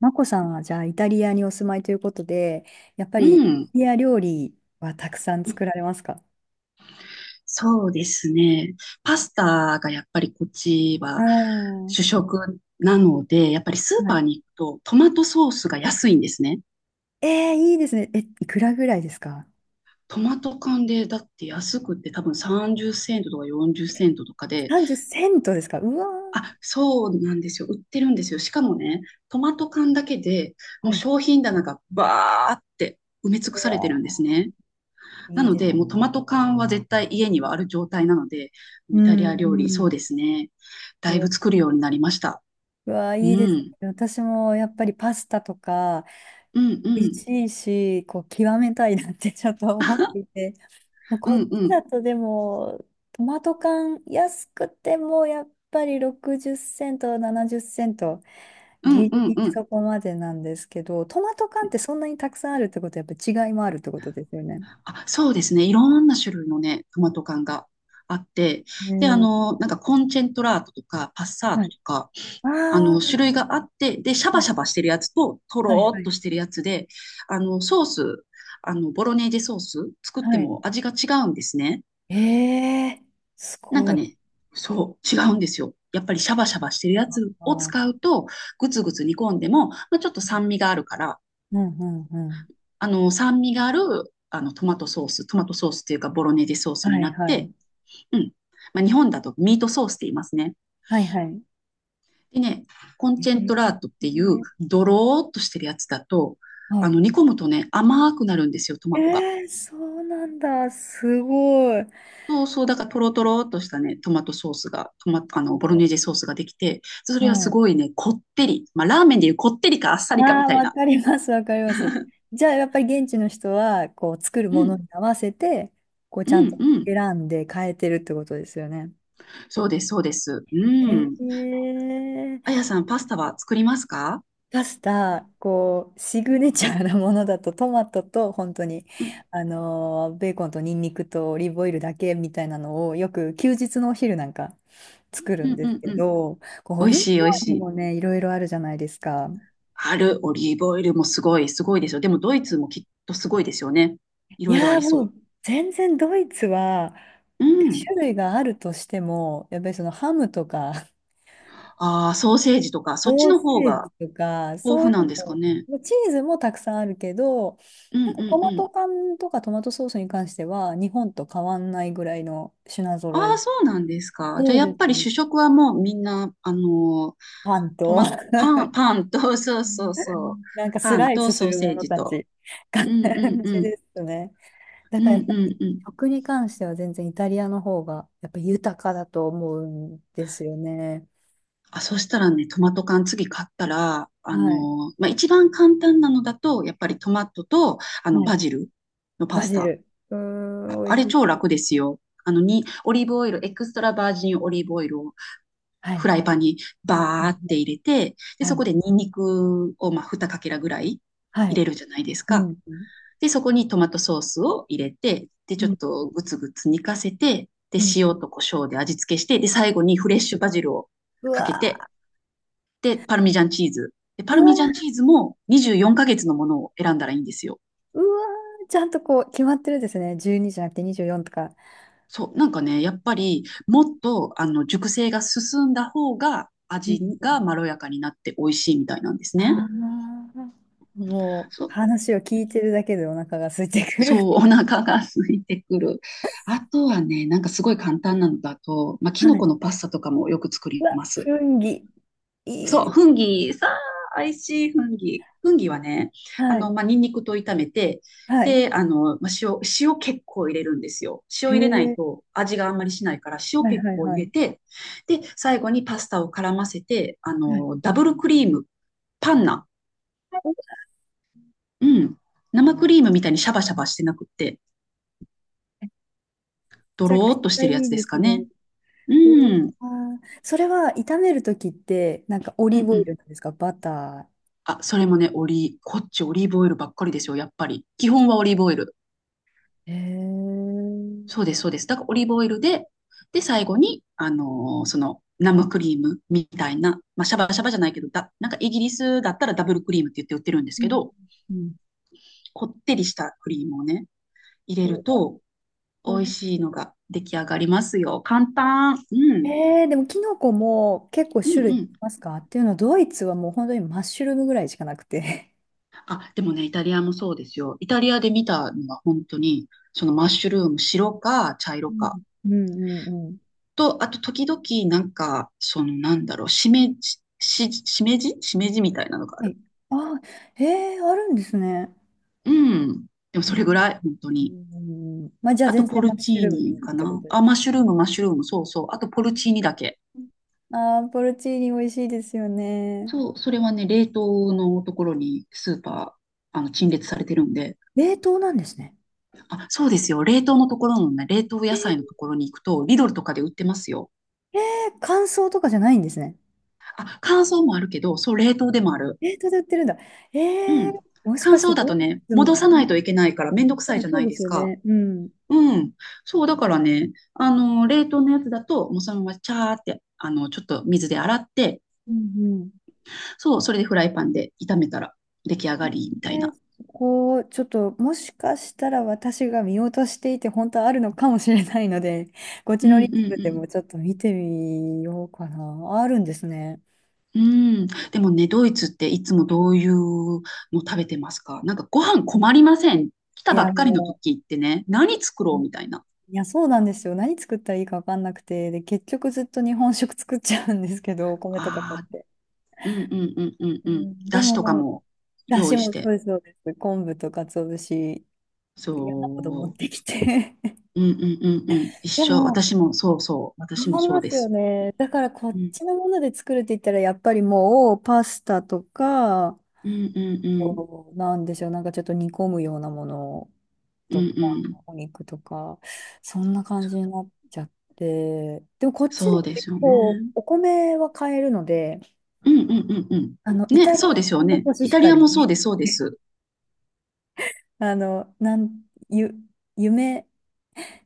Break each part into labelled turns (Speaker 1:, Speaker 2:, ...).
Speaker 1: マコさんはじゃあイタリアにお住まいということで、やっぱ
Speaker 2: う
Speaker 1: りイタ
Speaker 2: ん。
Speaker 1: リア料理はたくさん作られますか？
Speaker 2: そうですね。パスタがやっぱりこっち
Speaker 1: ああ
Speaker 2: は
Speaker 1: ー、
Speaker 2: 主食なので、やっぱりスー
Speaker 1: は
Speaker 2: パー
Speaker 1: い。
Speaker 2: に行くとトマトソースが安いんですね。
Speaker 1: いいですね。え、いくらぐらいですか？
Speaker 2: トマト缶でだって安くって多分30セントとか40セントとかで、
Speaker 1: 30 セントですか？うわ
Speaker 2: あ、そうなんですよ。売ってるんですよ。しかもね、トマト缶だけで
Speaker 1: ー。
Speaker 2: も
Speaker 1: は
Speaker 2: う
Speaker 1: い。う
Speaker 2: 商品棚がバーって埋め尽くされてるんで
Speaker 1: わ
Speaker 2: すね。
Speaker 1: ー、
Speaker 2: な
Speaker 1: いい
Speaker 2: の
Speaker 1: です。
Speaker 2: で、もうトマト缶は絶対家にはある状態なので、
Speaker 1: う
Speaker 2: イタリ
Speaker 1: ん、
Speaker 2: ア料
Speaker 1: う
Speaker 2: 理、そう
Speaker 1: ん。
Speaker 2: ですね。
Speaker 1: う
Speaker 2: だいぶ
Speaker 1: わ、
Speaker 2: 作るようになりました。
Speaker 1: うわー、
Speaker 2: う
Speaker 1: いいですね。
Speaker 2: ん。
Speaker 1: 私もやっぱりパスタとか
Speaker 2: うんう
Speaker 1: 美味
Speaker 2: ん。
Speaker 1: しいし、こう極めたいなってちょっと思っていて。
Speaker 2: う
Speaker 1: こっ
Speaker 2: んう
Speaker 1: ち
Speaker 2: ん。
Speaker 1: だとでも、トマト缶安くてもやっぱり60セント、70セント、
Speaker 2: うん
Speaker 1: ギ
Speaker 2: う
Speaker 1: リ
Speaker 2: ん
Speaker 1: ギ
Speaker 2: う
Speaker 1: リ
Speaker 2: ん。
Speaker 1: そこまでなんですけど、トマト缶ってそんなにたくさんあるってことはやっぱ違いもあるってことですよね。
Speaker 2: あ、そうですね。いろんな種類のね、トマト缶があって、
Speaker 1: う
Speaker 2: で、
Speaker 1: ん。
Speaker 2: なんかコンチェントラートとか、パッサー
Speaker 1: は
Speaker 2: ト
Speaker 1: い。
Speaker 2: とか、
Speaker 1: ああ、は
Speaker 2: 種類
Speaker 1: い
Speaker 2: があって、で、シャバシャバしてるやつと、と
Speaker 1: は
Speaker 2: ろ
Speaker 1: い
Speaker 2: ー
Speaker 1: は
Speaker 2: っと
Speaker 1: い。
Speaker 2: してるやつで、ソース、ボロネーゼソース作って
Speaker 1: はい。
Speaker 2: も味が違うんですね。
Speaker 1: ええ、す
Speaker 2: なん
Speaker 1: ご
Speaker 2: か
Speaker 1: い
Speaker 2: ね、そう、違うんですよ。やっぱりシャバシャバしてるやつを
Speaker 1: な。
Speaker 2: 使うと、ぐつぐつ煮込んでも、まあ、ちょっと酸味があるから、
Speaker 1: うんうんうん。
Speaker 2: 酸味がある、トマトソース、トマトソースっていうか、ボロネーゼソースに
Speaker 1: はい
Speaker 2: なっ
Speaker 1: は
Speaker 2: て、
Speaker 1: い。
Speaker 2: うん。まあ、日本だとミートソースって言いますね。
Speaker 1: はいはい。
Speaker 2: でね、コン
Speaker 1: え
Speaker 2: チェントラートっていう、
Speaker 1: ー
Speaker 2: ドローっとしてるやつだと、
Speaker 1: はい。
Speaker 2: 煮込むとね、甘くなるんですよ、ト
Speaker 1: え
Speaker 2: マトが。
Speaker 1: ー、そうなんだ。すごい。
Speaker 2: そうそう、だからトロトロっとしたね、トマトソースが、トマ、あの、ボロネーゼソースができて、そ
Speaker 1: は
Speaker 2: れはす
Speaker 1: い。
Speaker 2: ごいね、こってり。まあ、ラーメンでいうこってりかあっさりかみ
Speaker 1: ああ、
Speaker 2: たい
Speaker 1: わ
Speaker 2: な。
Speaker 1: かります、わかります。じゃあ、やっぱり現地の人は、こう、作る
Speaker 2: う
Speaker 1: もの
Speaker 2: ん、
Speaker 1: に合わせて、こう、
Speaker 2: う
Speaker 1: ちゃんと
Speaker 2: ん、うん。
Speaker 1: 選んで変えてるってことですよね。
Speaker 2: そうです、そうです。う
Speaker 1: へ
Speaker 2: ん。あ
Speaker 1: え。
Speaker 2: やさん、パスタは作りますか？
Speaker 1: パス
Speaker 2: う
Speaker 1: タ、
Speaker 2: ん、
Speaker 1: こう、シグネチャーなものだと、トマトと、本当に、
Speaker 2: うん、
Speaker 1: ベーコンとニンニクとオリーブオイルだけみたいなのを、よく休日のお昼なんか作る
Speaker 2: う
Speaker 1: んです
Speaker 2: ん、
Speaker 1: け
Speaker 2: うん。
Speaker 1: ど、こうオ
Speaker 2: 美味
Speaker 1: リー
Speaker 2: しい、美
Speaker 1: ブオ
Speaker 2: 味し
Speaker 1: イル
Speaker 2: い。
Speaker 1: もね、いろいろあるじゃないですか。
Speaker 2: ある、オリーブオイルもすごい、すごいですよ。でも、ドイツもきっとすごいですよね。い
Speaker 1: い
Speaker 2: ろいろあ
Speaker 1: やー
Speaker 2: り
Speaker 1: も
Speaker 2: そ
Speaker 1: う全然ドイツは、
Speaker 2: う。うん。
Speaker 1: 種類があるとしても、やっぱりそのハムとか、
Speaker 2: ああ、ソーセージとか、そっち
Speaker 1: ソー
Speaker 2: の方
Speaker 1: セー
Speaker 2: が
Speaker 1: ジとか、
Speaker 2: 豊
Speaker 1: そうい
Speaker 2: 富なん
Speaker 1: う
Speaker 2: ですかね？
Speaker 1: の、チーズもたくさんあるけど、
Speaker 2: うん、
Speaker 1: なん
Speaker 2: う
Speaker 1: かト
Speaker 2: ん、う
Speaker 1: マト
Speaker 2: ん。
Speaker 1: 缶とかトマトソースに関しては、日本と変わんないぐらいの品
Speaker 2: あ
Speaker 1: 揃
Speaker 2: あ、
Speaker 1: え。
Speaker 2: そうなんですか？じゃ
Speaker 1: そ
Speaker 2: あ、
Speaker 1: う
Speaker 2: や
Speaker 1: で
Speaker 2: っ
Speaker 1: す
Speaker 2: ぱり
Speaker 1: ね。
Speaker 2: 主食はもうみんな、
Speaker 1: パン
Speaker 2: ト
Speaker 1: と、
Speaker 2: マ、パン、パンと、そうそうそう。
Speaker 1: なんかス
Speaker 2: パン
Speaker 1: ライ
Speaker 2: と
Speaker 1: スす
Speaker 2: ソー
Speaker 1: る
Speaker 2: セ
Speaker 1: も
Speaker 2: ー
Speaker 1: の
Speaker 2: ジ
Speaker 1: た
Speaker 2: と。
Speaker 1: ち、感
Speaker 2: うんうん
Speaker 1: じ
Speaker 2: うん。
Speaker 1: ですね。だ
Speaker 2: う
Speaker 1: からや
Speaker 2: ん
Speaker 1: っ
Speaker 2: う
Speaker 1: ぱり
Speaker 2: んうん。
Speaker 1: 食に関しては全然イタリアの方がやっぱ豊かだと思うんですよね。
Speaker 2: あ、そしたらね、トマト缶次買ったら、
Speaker 1: はい。
Speaker 2: まあ、一番簡単なのだと、やっぱりトマトと、
Speaker 1: はい。
Speaker 2: バジルのパ
Speaker 1: バ
Speaker 2: ス
Speaker 1: ジ
Speaker 2: タ。
Speaker 1: ル。うー
Speaker 2: あ、
Speaker 1: ん、美
Speaker 2: あ
Speaker 1: 味
Speaker 2: れ
Speaker 1: し
Speaker 2: 超
Speaker 1: そう。
Speaker 2: 楽ですよ。オリーブオイル、エクストラバージンオリーブオイルを
Speaker 1: は
Speaker 2: フ
Speaker 1: い。
Speaker 2: ライパンにバーっ
Speaker 1: は
Speaker 2: て
Speaker 1: い。
Speaker 2: 入れて、で、
Speaker 1: は
Speaker 2: そこ
Speaker 1: い。
Speaker 2: でニンニクをまあ2かけらぐらい
Speaker 1: は
Speaker 2: 入
Speaker 1: い。
Speaker 2: れるじゃないです
Speaker 1: うん。
Speaker 2: か。
Speaker 1: う
Speaker 2: で、そこにトマトソースを入れて、で、ちょっ
Speaker 1: ん。
Speaker 2: とグツグツ煮かせて、で、
Speaker 1: うん。
Speaker 2: 塩と胡椒で味付けして、で、最後にフレッシュバジルを
Speaker 1: う
Speaker 2: かけて、
Speaker 1: わ
Speaker 2: で、パルミジャンチーズ。で、パ
Speaker 1: ー、う
Speaker 2: ル
Speaker 1: わ
Speaker 2: ミジャンチ
Speaker 1: ー、
Speaker 2: ーズも24ヶ月のものを選んだらいいんですよ。
Speaker 1: うわー、ちゃんとこう、決まってるんですね。12じゃなくて24とか。
Speaker 2: そう、なんかね、やっぱりもっと熟成が進んだ方が
Speaker 1: う
Speaker 2: 味
Speaker 1: ん。
Speaker 2: がまろやかになって美味しいみたいなんですね。
Speaker 1: ああ、もう、
Speaker 2: そう、
Speaker 1: 話を聞いてるだけでお腹が空いてくる。
Speaker 2: そう、お腹が空いてくる。あとはね、なんかすごい簡単なのだと、まあ、キ
Speaker 1: は
Speaker 2: ノコ
Speaker 1: い。
Speaker 2: のパスタとかもよく作
Speaker 1: う
Speaker 2: り
Speaker 1: わ、
Speaker 2: ます。
Speaker 1: 雰囲気、いい
Speaker 2: そ
Speaker 1: で
Speaker 2: う、
Speaker 1: す。
Speaker 2: フンギ、さあ、美味しいフンギ。フンギはね、
Speaker 1: はい。
Speaker 2: まあ、ニンニクと炒めて、
Speaker 1: はい。
Speaker 2: で、まあ、塩結構入れるんですよ。塩
Speaker 1: へ
Speaker 2: 入れない
Speaker 1: え。
Speaker 2: と味があんまりしないから、塩
Speaker 1: はい
Speaker 2: 結
Speaker 1: はい
Speaker 2: 構入
Speaker 1: は
Speaker 2: れ
Speaker 1: い。
Speaker 2: て、で、最後にパスタを絡ませて、
Speaker 1: はい。
Speaker 2: ダブルクリーム、パンナ、うん、生クリームみたいにシャバシャバしてなくって、
Speaker 1: め
Speaker 2: ド
Speaker 1: ちゃく
Speaker 2: ロー
Speaker 1: ち
Speaker 2: っとし
Speaker 1: ゃ
Speaker 2: て
Speaker 1: い
Speaker 2: るやつ
Speaker 1: い
Speaker 2: で
Speaker 1: で
Speaker 2: す
Speaker 1: す
Speaker 2: か
Speaker 1: ね。
Speaker 2: ね。う
Speaker 1: うわ
Speaker 2: ん。
Speaker 1: ー、それは炒めるときって、なんかオ
Speaker 2: う
Speaker 1: リー
Speaker 2: ん
Speaker 1: ブ
Speaker 2: う
Speaker 1: オイ
Speaker 2: ん。
Speaker 1: ルなんですか？バタ
Speaker 2: あ、それもね、こっちオリーブオイルばっかりですよ、やっぱり。基本はオリーブオイル。
Speaker 1: ー？へえ。
Speaker 2: そう
Speaker 1: ー。
Speaker 2: です、そうです。だからオリーブオイルで、で、最後に、生クリームみたいな、まあ、シャバシャバじゃないけど、なんかイギリスだったらダブルクリームって言って売ってるんです
Speaker 1: う
Speaker 2: け
Speaker 1: ん
Speaker 2: ど、
Speaker 1: うん、
Speaker 2: こってりしたクリームをね、入れる
Speaker 1: う
Speaker 2: と、美味
Speaker 1: わ。
Speaker 2: しいのが出来上がりますよ。簡単。うん。
Speaker 1: でもキノコも結構
Speaker 2: う
Speaker 1: 種
Speaker 2: ん
Speaker 1: 類
Speaker 2: う
Speaker 1: あり
Speaker 2: ん。
Speaker 1: ますか？っていうのは、ドイツはもう本当にマッシュルームぐらいしかなくて。
Speaker 2: あ、でもね、イタリアもそうですよ。イタリアで見たのは本当に、そのマッシュルーム、白か茶
Speaker 1: う
Speaker 2: 色か。
Speaker 1: ん。うんうんうん。
Speaker 2: と、あと時々、しめじしめじみたいなのがあ
Speaker 1: は
Speaker 2: る。
Speaker 1: い。あー、えー、あるんですね。
Speaker 2: うん。でも
Speaker 1: う
Speaker 2: それぐ
Speaker 1: ん
Speaker 2: らい、本当
Speaker 1: うん
Speaker 2: に。
Speaker 1: うんうん、まあじゃあ
Speaker 2: あと、
Speaker 1: 全
Speaker 2: ポ
Speaker 1: 然マ
Speaker 2: ル
Speaker 1: ッ
Speaker 2: チー
Speaker 1: シュルームでい
Speaker 2: ニ
Speaker 1: いっ
Speaker 2: か
Speaker 1: てこ
Speaker 2: な。
Speaker 1: とで
Speaker 2: あ、マ
Speaker 1: す。
Speaker 2: ッシュルーム、マッシュルーム、そうそう。あと、ポルチーニだけ。
Speaker 1: ああ、ポルチーニ美味しいですよね。
Speaker 2: そう、それはね、冷凍のところにスーパー、あの、陳列されてるんで。
Speaker 1: 冷凍なんですね。
Speaker 2: あ、そうですよ。冷凍のところのね、冷凍野菜のところに行くと、リドルとかで売ってますよ。
Speaker 1: えー、乾燥とかじゃないんですね。
Speaker 2: あ、乾燥もあるけど、そう、冷凍でもある。
Speaker 1: 冷凍で売ってるんだ。
Speaker 2: う
Speaker 1: えー、
Speaker 2: ん。
Speaker 1: もし
Speaker 2: 乾
Speaker 1: かして
Speaker 2: 燥だ
Speaker 1: ド
Speaker 2: と
Speaker 1: イ
Speaker 2: ね、
Speaker 1: ツも。
Speaker 2: 戻さないといけないからめんどくさい
Speaker 1: ね、
Speaker 2: じゃ
Speaker 1: そ
Speaker 2: な
Speaker 1: う
Speaker 2: い
Speaker 1: で
Speaker 2: で
Speaker 1: す
Speaker 2: す
Speaker 1: よ
Speaker 2: か。
Speaker 1: ね。うん。
Speaker 2: うん。そう、だからね、冷凍のやつだと、もうそのままチャーって、ちょっと水で洗って、
Speaker 1: うんうん。
Speaker 2: そう、それでフライパンで炒めたら出来上がりみたいな。
Speaker 1: そこ、ちょっと、もしかしたら私が見落としていて、本当はあるのかもしれないので、こっ
Speaker 2: う
Speaker 1: ちの
Speaker 2: ん
Speaker 1: リン
Speaker 2: う
Speaker 1: クで
Speaker 2: ん
Speaker 1: もちょっと見てみようかな。あるんですね。
Speaker 2: うん。うん。でもね、ドイツっていつもどういうの食べてますか？なんかご飯困りません？来
Speaker 1: い
Speaker 2: たば
Speaker 1: や、
Speaker 2: っかりの
Speaker 1: も
Speaker 2: 時ってね、何作ろ
Speaker 1: う、
Speaker 2: うみたいな。
Speaker 1: いや、そうなんですよ。何作ったらいいか分かんなくて、で、結局ずっと日本食作っちゃうんですけど、お米とか買っ
Speaker 2: ああ、
Speaker 1: て。
Speaker 2: うんうんうんうん
Speaker 1: う
Speaker 2: うん。
Speaker 1: ん、で
Speaker 2: だしとか
Speaker 1: も、
Speaker 2: も
Speaker 1: だ
Speaker 2: 用
Speaker 1: し
Speaker 2: 意し
Speaker 1: もそう
Speaker 2: て。
Speaker 1: です、そうです。昆布と鰹節、嫌なこと持っ
Speaker 2: そ
Speaker 1: てきて。
Speaker 2: う。うんうんうんうん。一
Speaker 1: で
Speaker 2: 緒。
Speaker 1: も、
Speaker 2: 私もそうそう。
Speaker 1: そ
Speaker 2: 私も
Speaker 1: うり
Speaker 2: そう
Speaker 1: ま
Speaker 2: で
Speaker 1: すよ
Speaker 2: す。
Speaker 1: ね。だからこ
Speaker 2: う
Speaker 1: っ
Speaker 2: ん
Speaker 1: ちのもので作るって言ったら、やっぱりもうパスタとか、
Speaker 2: うんうんうん。
Speaker 1: こうなんでしょう、なんかちょっと煮込むようなもの
Speaker 2: うん
Speaker 1: とか、
Speaker 2: うん。
Speaker 1: お肉とか、そんな感じになっちゃって。でもこっちで
Speaker 2: そうで
Speaker 1: 結
Speaker 2: すよ
Speaker 1: 構
Speaker 2: ね。
Speaker 1: お米は買えるので、
Speaker 2: うんうんうんうん。
Speaker 1: イ
Speaker 2: ね、
Speaker 1: タリ
Speaker 2: そうです
Speaker 1: ア
Speaker 2: よ
Speaker 1: 産の
Speaker 2: ね。
Speaker 1: コシ
Speaker 2: イ
Speaker 1: ヒ
Speaker 2: タ
Speaker 1: カ
Speaker 2: リアもそう
Speaker 1: リ、
Speaker 2: です、そうで す。
Speaker 1: あの、なん、ゆ、夢、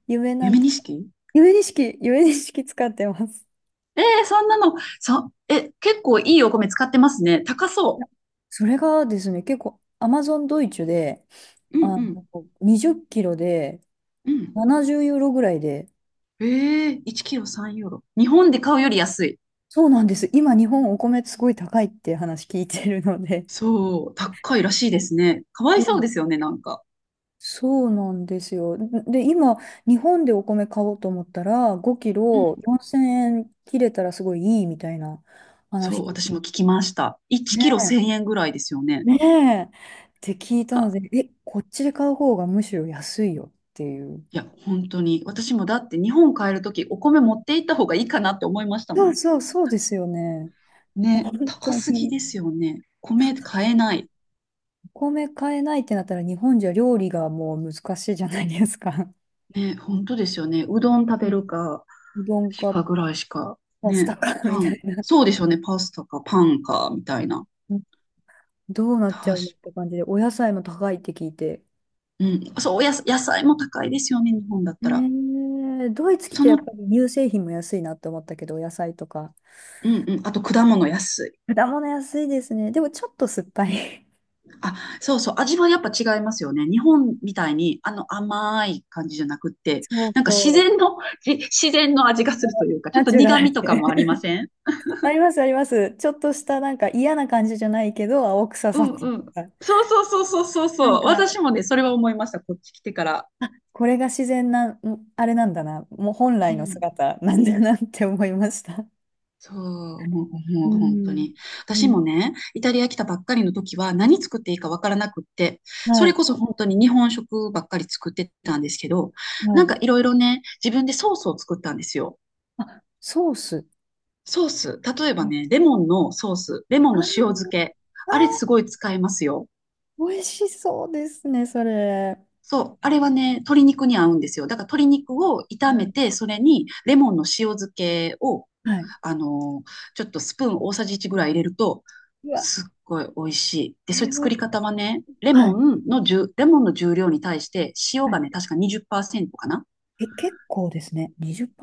Speaker 1: 夢な
Speaker 2: 夢
Speaker 1: ん
Speaker 2: 錦。
Speaker 1: ゆえにしき、ゆえにしき使ってます。
Speaker 2: えー、そんなの、結構いいお米使ってますね。高
Speaker 1: い
Speaker 2: そ
Speaker 1: や、それがですね、結構アマゾンドイツで、
Speaker 2: う。うん
Speaker 1: あ
Speaker 2: うん
Speaker 1: の、20キロで
Speaker 2: うん。
Speaker 1: 70ユーロぐらいで、
Speaker 2: えー、1キロ3ユーロ。日本で買うより安い。
Speaker 1: そうなんです。今日本お米すごい高いって話聞いてるので。
Speaker 2: そう、高いらしいですね。かわ
Speaker 1: う
Speaker 2: いそう
Speaker 1: ん、
Speaker 2: ですよね、なんか。
Speaker 1: そうなんですよ。で、今、日本でお米買おうと思ったら、5キ
Speaker 2: う
Speaker 1: ロ
Speaker 2: ん。
Speaker 1: 4000円切れたらすごいいいみたいな
Speaker 2: そう、
Speaker 1: 話。
Speaker 2: 私も聞きました。1
Speaker 1: ね、
Speaker 2: キロ1000円ぐらいですよね。
Speaker 1: ねえ。って聞いたので、
Speaker 2: か
Speaker 1: え、こっちで買う方がむしろ安いよっていう。
Speaker 2: いや、本当に。私もだって日本帰るときお米持って行った方がいいかなって思いましたも
Speaker 1: そう
Speaker 2: ん。
Speaker 1: そう、そうですよね。本
Speaker 2: ね、
Speaker 1: 当
Speaker 2: 高すぎ
Speaker 1: に。
Speaker 2: ですよね。米
Speaker 1: 高す
Speaker 2: 買え
Speaker 1: ぎる、
Speaker 2: ない。
Speaker 1: お米買えないってなったら日本じゃ料理がもう難しいじゃないですか。
Speaker 2: ね、本当ですよね。うどん食べ
Speaker 1: ね、
Speaker 2: るか、
Speaker 1: うどん
Speaker 2: し
Speaker 1: か
Speaker 2: かぐらいしか。
Speaker 1: パスタ
Speaker 2: ね、
Speaker 1: か み
Speaker 2: パ
Speaker 1: た
Speaker 2: ン。
Speaker 1: いな。
Speaker 2: そうでしょうね。パスタかパンか、みたいな。
Speaker 1: どうなっ
Speaker 2: 確
Speaker 1: ちゃうのって
Speaker 2: か、
Speaker 1: 感じで、お野菜も高いって聞いて。
Speaker 2: うん。そう、おやす、野菜も高いですよね。日本だったら。
Speaker 1: ドイツ来
Speaker 2: そ
Speaker 1: てやっ
Speaker 2: の、
Speaker 1: ぱり乳製品も安いなって思ったけど、お野菜とか。
Speaker 2: うんうん。あと果物安い。
Speaker 1: 果物安いですね。でもちょっと酸っぱい。
Speaker 2: あ、そうそう、味はやっぱ違いますよね。日本みたいに、あの甘い感じじゃなくって、
Speaker 1: そう
Speaker 2: なんか自
Speaker 1: そう。
Speaker 2: 然の、自然の味がするというか、ちょ
Speaker 1: ナ
Speaker 2: っと
Speaker 1: チュラ
Speaker 2: 苦
Speaker 1: ル
Speaker 2: 味とかもありま
Speaker 1: で。
Speaker 2: せん？
Speaker 1: ありますあります。ちょっとしたなんか嫌な感じじゃないけど、青臭
Speaker 2: う
Speaker 1: さっ
Speaker 2: ん
Speaker 1: ていう
Speaker 2: うん。
Speaker 1: か。
Speaker 2: そうそうそうそうそう
Speaker 1: なん
Speaker 2: そう。
Speaker 1: か、
Speaker 2: 私もね、それは思いました。こっち来てから。
Speaker 1: これが自然な、あれなんだな、もう本
Speaker 2: う
Speaker 1: 来の
Speaker 2: ん。
Speaker 1: 姿なんだなって思いました。
Speaker 2: そう、
Speaker 1: う
Speaker 2: もう本当
Speaker 1: ん。
Speaker 2: に。
Speaker 1: う
Speaker 2: 私
Speaker 1: ん。
Speaker 2: もね、イタリア来たばっかりの時は何作っていいかわからなくって、そ
Speaker 1: は
Speaker 2: れ
Speaker 1: い、
Speaker 2: こそ本当に日本食ばっかり作ってたんですけど、
Speaker 1: は
Speaker 2: なんか
Speaker 1: い。
Speaker 2: いろいろね、自分でソースを作ったんですよ。
Speaker 1: あ、ソース。
Speaker 2: ソース、例え
Speaker 1: う
Speaker 2: ば
Speaker 1: ん、
Speaker 2: ね、レモンのソース、レモンの塩
Speaker 1: あ
Speaker 2: 漬け、あれすごい使えますよ。
Speaker 1: ー、美味しそうですね、それ。
Speaker 2: そう、あれはね、鶏肉に合うんですよ。だから鶏肉を
Speaker 1: う
Speaker 2: 炒め
Speaker 1: ん。
Speaker 2: て、それにレモンの塩漬けを、
Speaker 1: はい。
Speaker 2: あのーちょっとスプーン大さじ1ぐらい入れると、
Speaker 1: うわ、
Speaker 2: すっごい美味しい。で、それ
Speaker 1: 美
Speaker 2: 作
Speaker 1: 味
Speaker 2: り
Speaker 1: し
Speaker 2: 方はね、
Speaker 1: そう、はい。
Speaker 2: レモンの重量に対して塩
Speaker 1: は
Speaker 2: が
Speaker 1: い、
Speaker 2: ね、確か20%かな。
Speaker 1: え、結構ですね。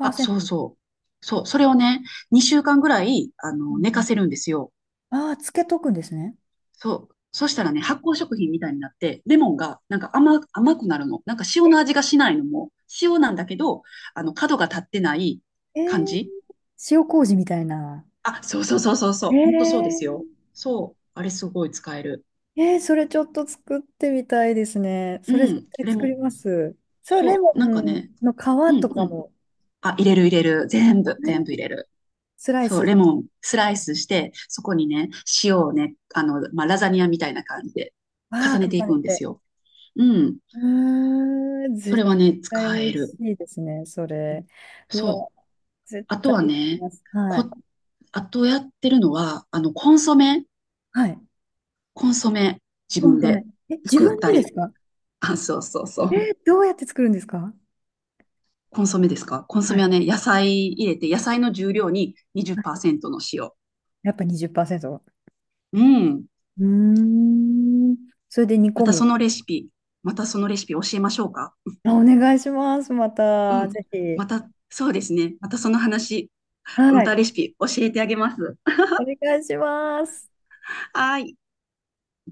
Speaker 2: あ、そうそう。そう、それをね、2週間ぐらい、
Speaker 1: う
Speaker 2: 寝か
Speaker 1: ん
Speaker 2: せるんですよ。
Speaker 1: うん。ああ、つけとくんですね。
Speaker 2: そう。そしたらね、発酵食品みたいになって、レモンがなんか甘くなるの。なんか塩
Speaker 1: え、
Speaker 2: の味がしないのも、塩なんだけど、角が立ってない
Speaker 1: え
Speaker 2: 感
Speaker 1: ー、
Speaker 2: じ。
Speaker 1: 塩麹みたいな。
Speaker 2: あ、そうそうそうそうそ
Speaker 1: ええ
Speaker 2: う。ほんとそうですよ。
Speaker 1: ー、
Speaker 2: そう。あれすごい使える。
Speaker 1: それちょっと作ってみたいですね。
Speaker 2: う
Speaker 1: それ絶
Speaker 2: ん。
Speaker 1: 対
Speaker 2: レモ
Speaker 1: 作り
Speaker 2: ン。
Speaker 1: ます。そう、レ
Speaker 2: そ
Speaker 1: モ
Speaker 2: う。なんかね。
Speaker 1: ンの
Speaker 2: う
Speaker 1: 皮と
Speaker 2: んう
Speaker 1: か
Speaker 2: ん。
Speaker 1: も、
Speaker 2: あ、入れる入れる。全部、
Speaker 1: ね、
Speaker 2: 全部入れる。
Speaker 1: スライ
Speaker 2: そう。
Speaker 1: ス、
Speaker 2: レモンスライスして、そこにね、塩をね、まあ、ラザニアみたいな感じで
Speaker 1: あ
Speaker 2: 重
Speaker 1: あ、
Speaker 2: ねて
Speaker 1: 重
Speaker 2: いく
Speaker 1: ね
Speaker 2: んです
Speaker 1: て。
Speaker 2: よ。うん。
Speaker 1: うーん、
Speaker 2: それ
Speaker 1: 絶
Speaker 2: はね、
Speaker 1: 対
Speaker 2: 使
Speaker 1: 美
Speaker 2: え
Speaker 1: 味し
Speaker 2: る。
Speaker 1: いですね、それ。う
Speaker 2: そ
Speaker 1: わ、
Speaker 2: う。
Speaker 1: 絶
Speaker 2: あと
Speaker 1: 対
Speaker 2: は
Speaker 1: でき
Speaker 2: ね、
Speaker 1: ます。は
Speaker 2: こ、
Speaker 1: い。
Speaker 2: あとやってるのは、コンソメ、
Speaker 1: はい。
Speaker 2: コンソメ、自
Speaker 1: コン
Speaker 2: 分
Speaker 1: ソメ。
Speaker 2: で
Speaker 1: え、自
Speaker 2: 作っ
Speaker 1: 分
Speaker 2: た
Speaker 1: でです
Speaker 2: り。
Speaker 1: か？
Speaker 2: あ、そうそうそう。
Speaker 1: どうやって作るんですか？
Speaker 2: コンソメですか？コンソ
Speaker 1: は
Speaker 2: メは
Speaker 1: い。
Speaker 2: ね、野菜入れて、野菜の重量に
Speaker 1: はい、
Speaker 2: 20%の塩。
Speaker 1: やっぱ20%。
Speaker 2: うん。
Speaker 1: うーん。それで煮
Speaker 2: ま
Speaker 1: 込
Speaker 2: た
Speaker 1: む。
Speaker 2: そのレシピ、またそのレシピ教えましょうか？
Speaker 1: あ、お願いします。ま
Speaker 2: う
Speaker 1: た、
Speaker 2: ん。
Speaker 1: ぜひ。
Speaker 2: また、そうですね。またその話、ま
Speaker 1: はい。
Speaker 2: たレシピ教えてあげます。
Speaker 1: お願いします。
Speaker 2: はーい。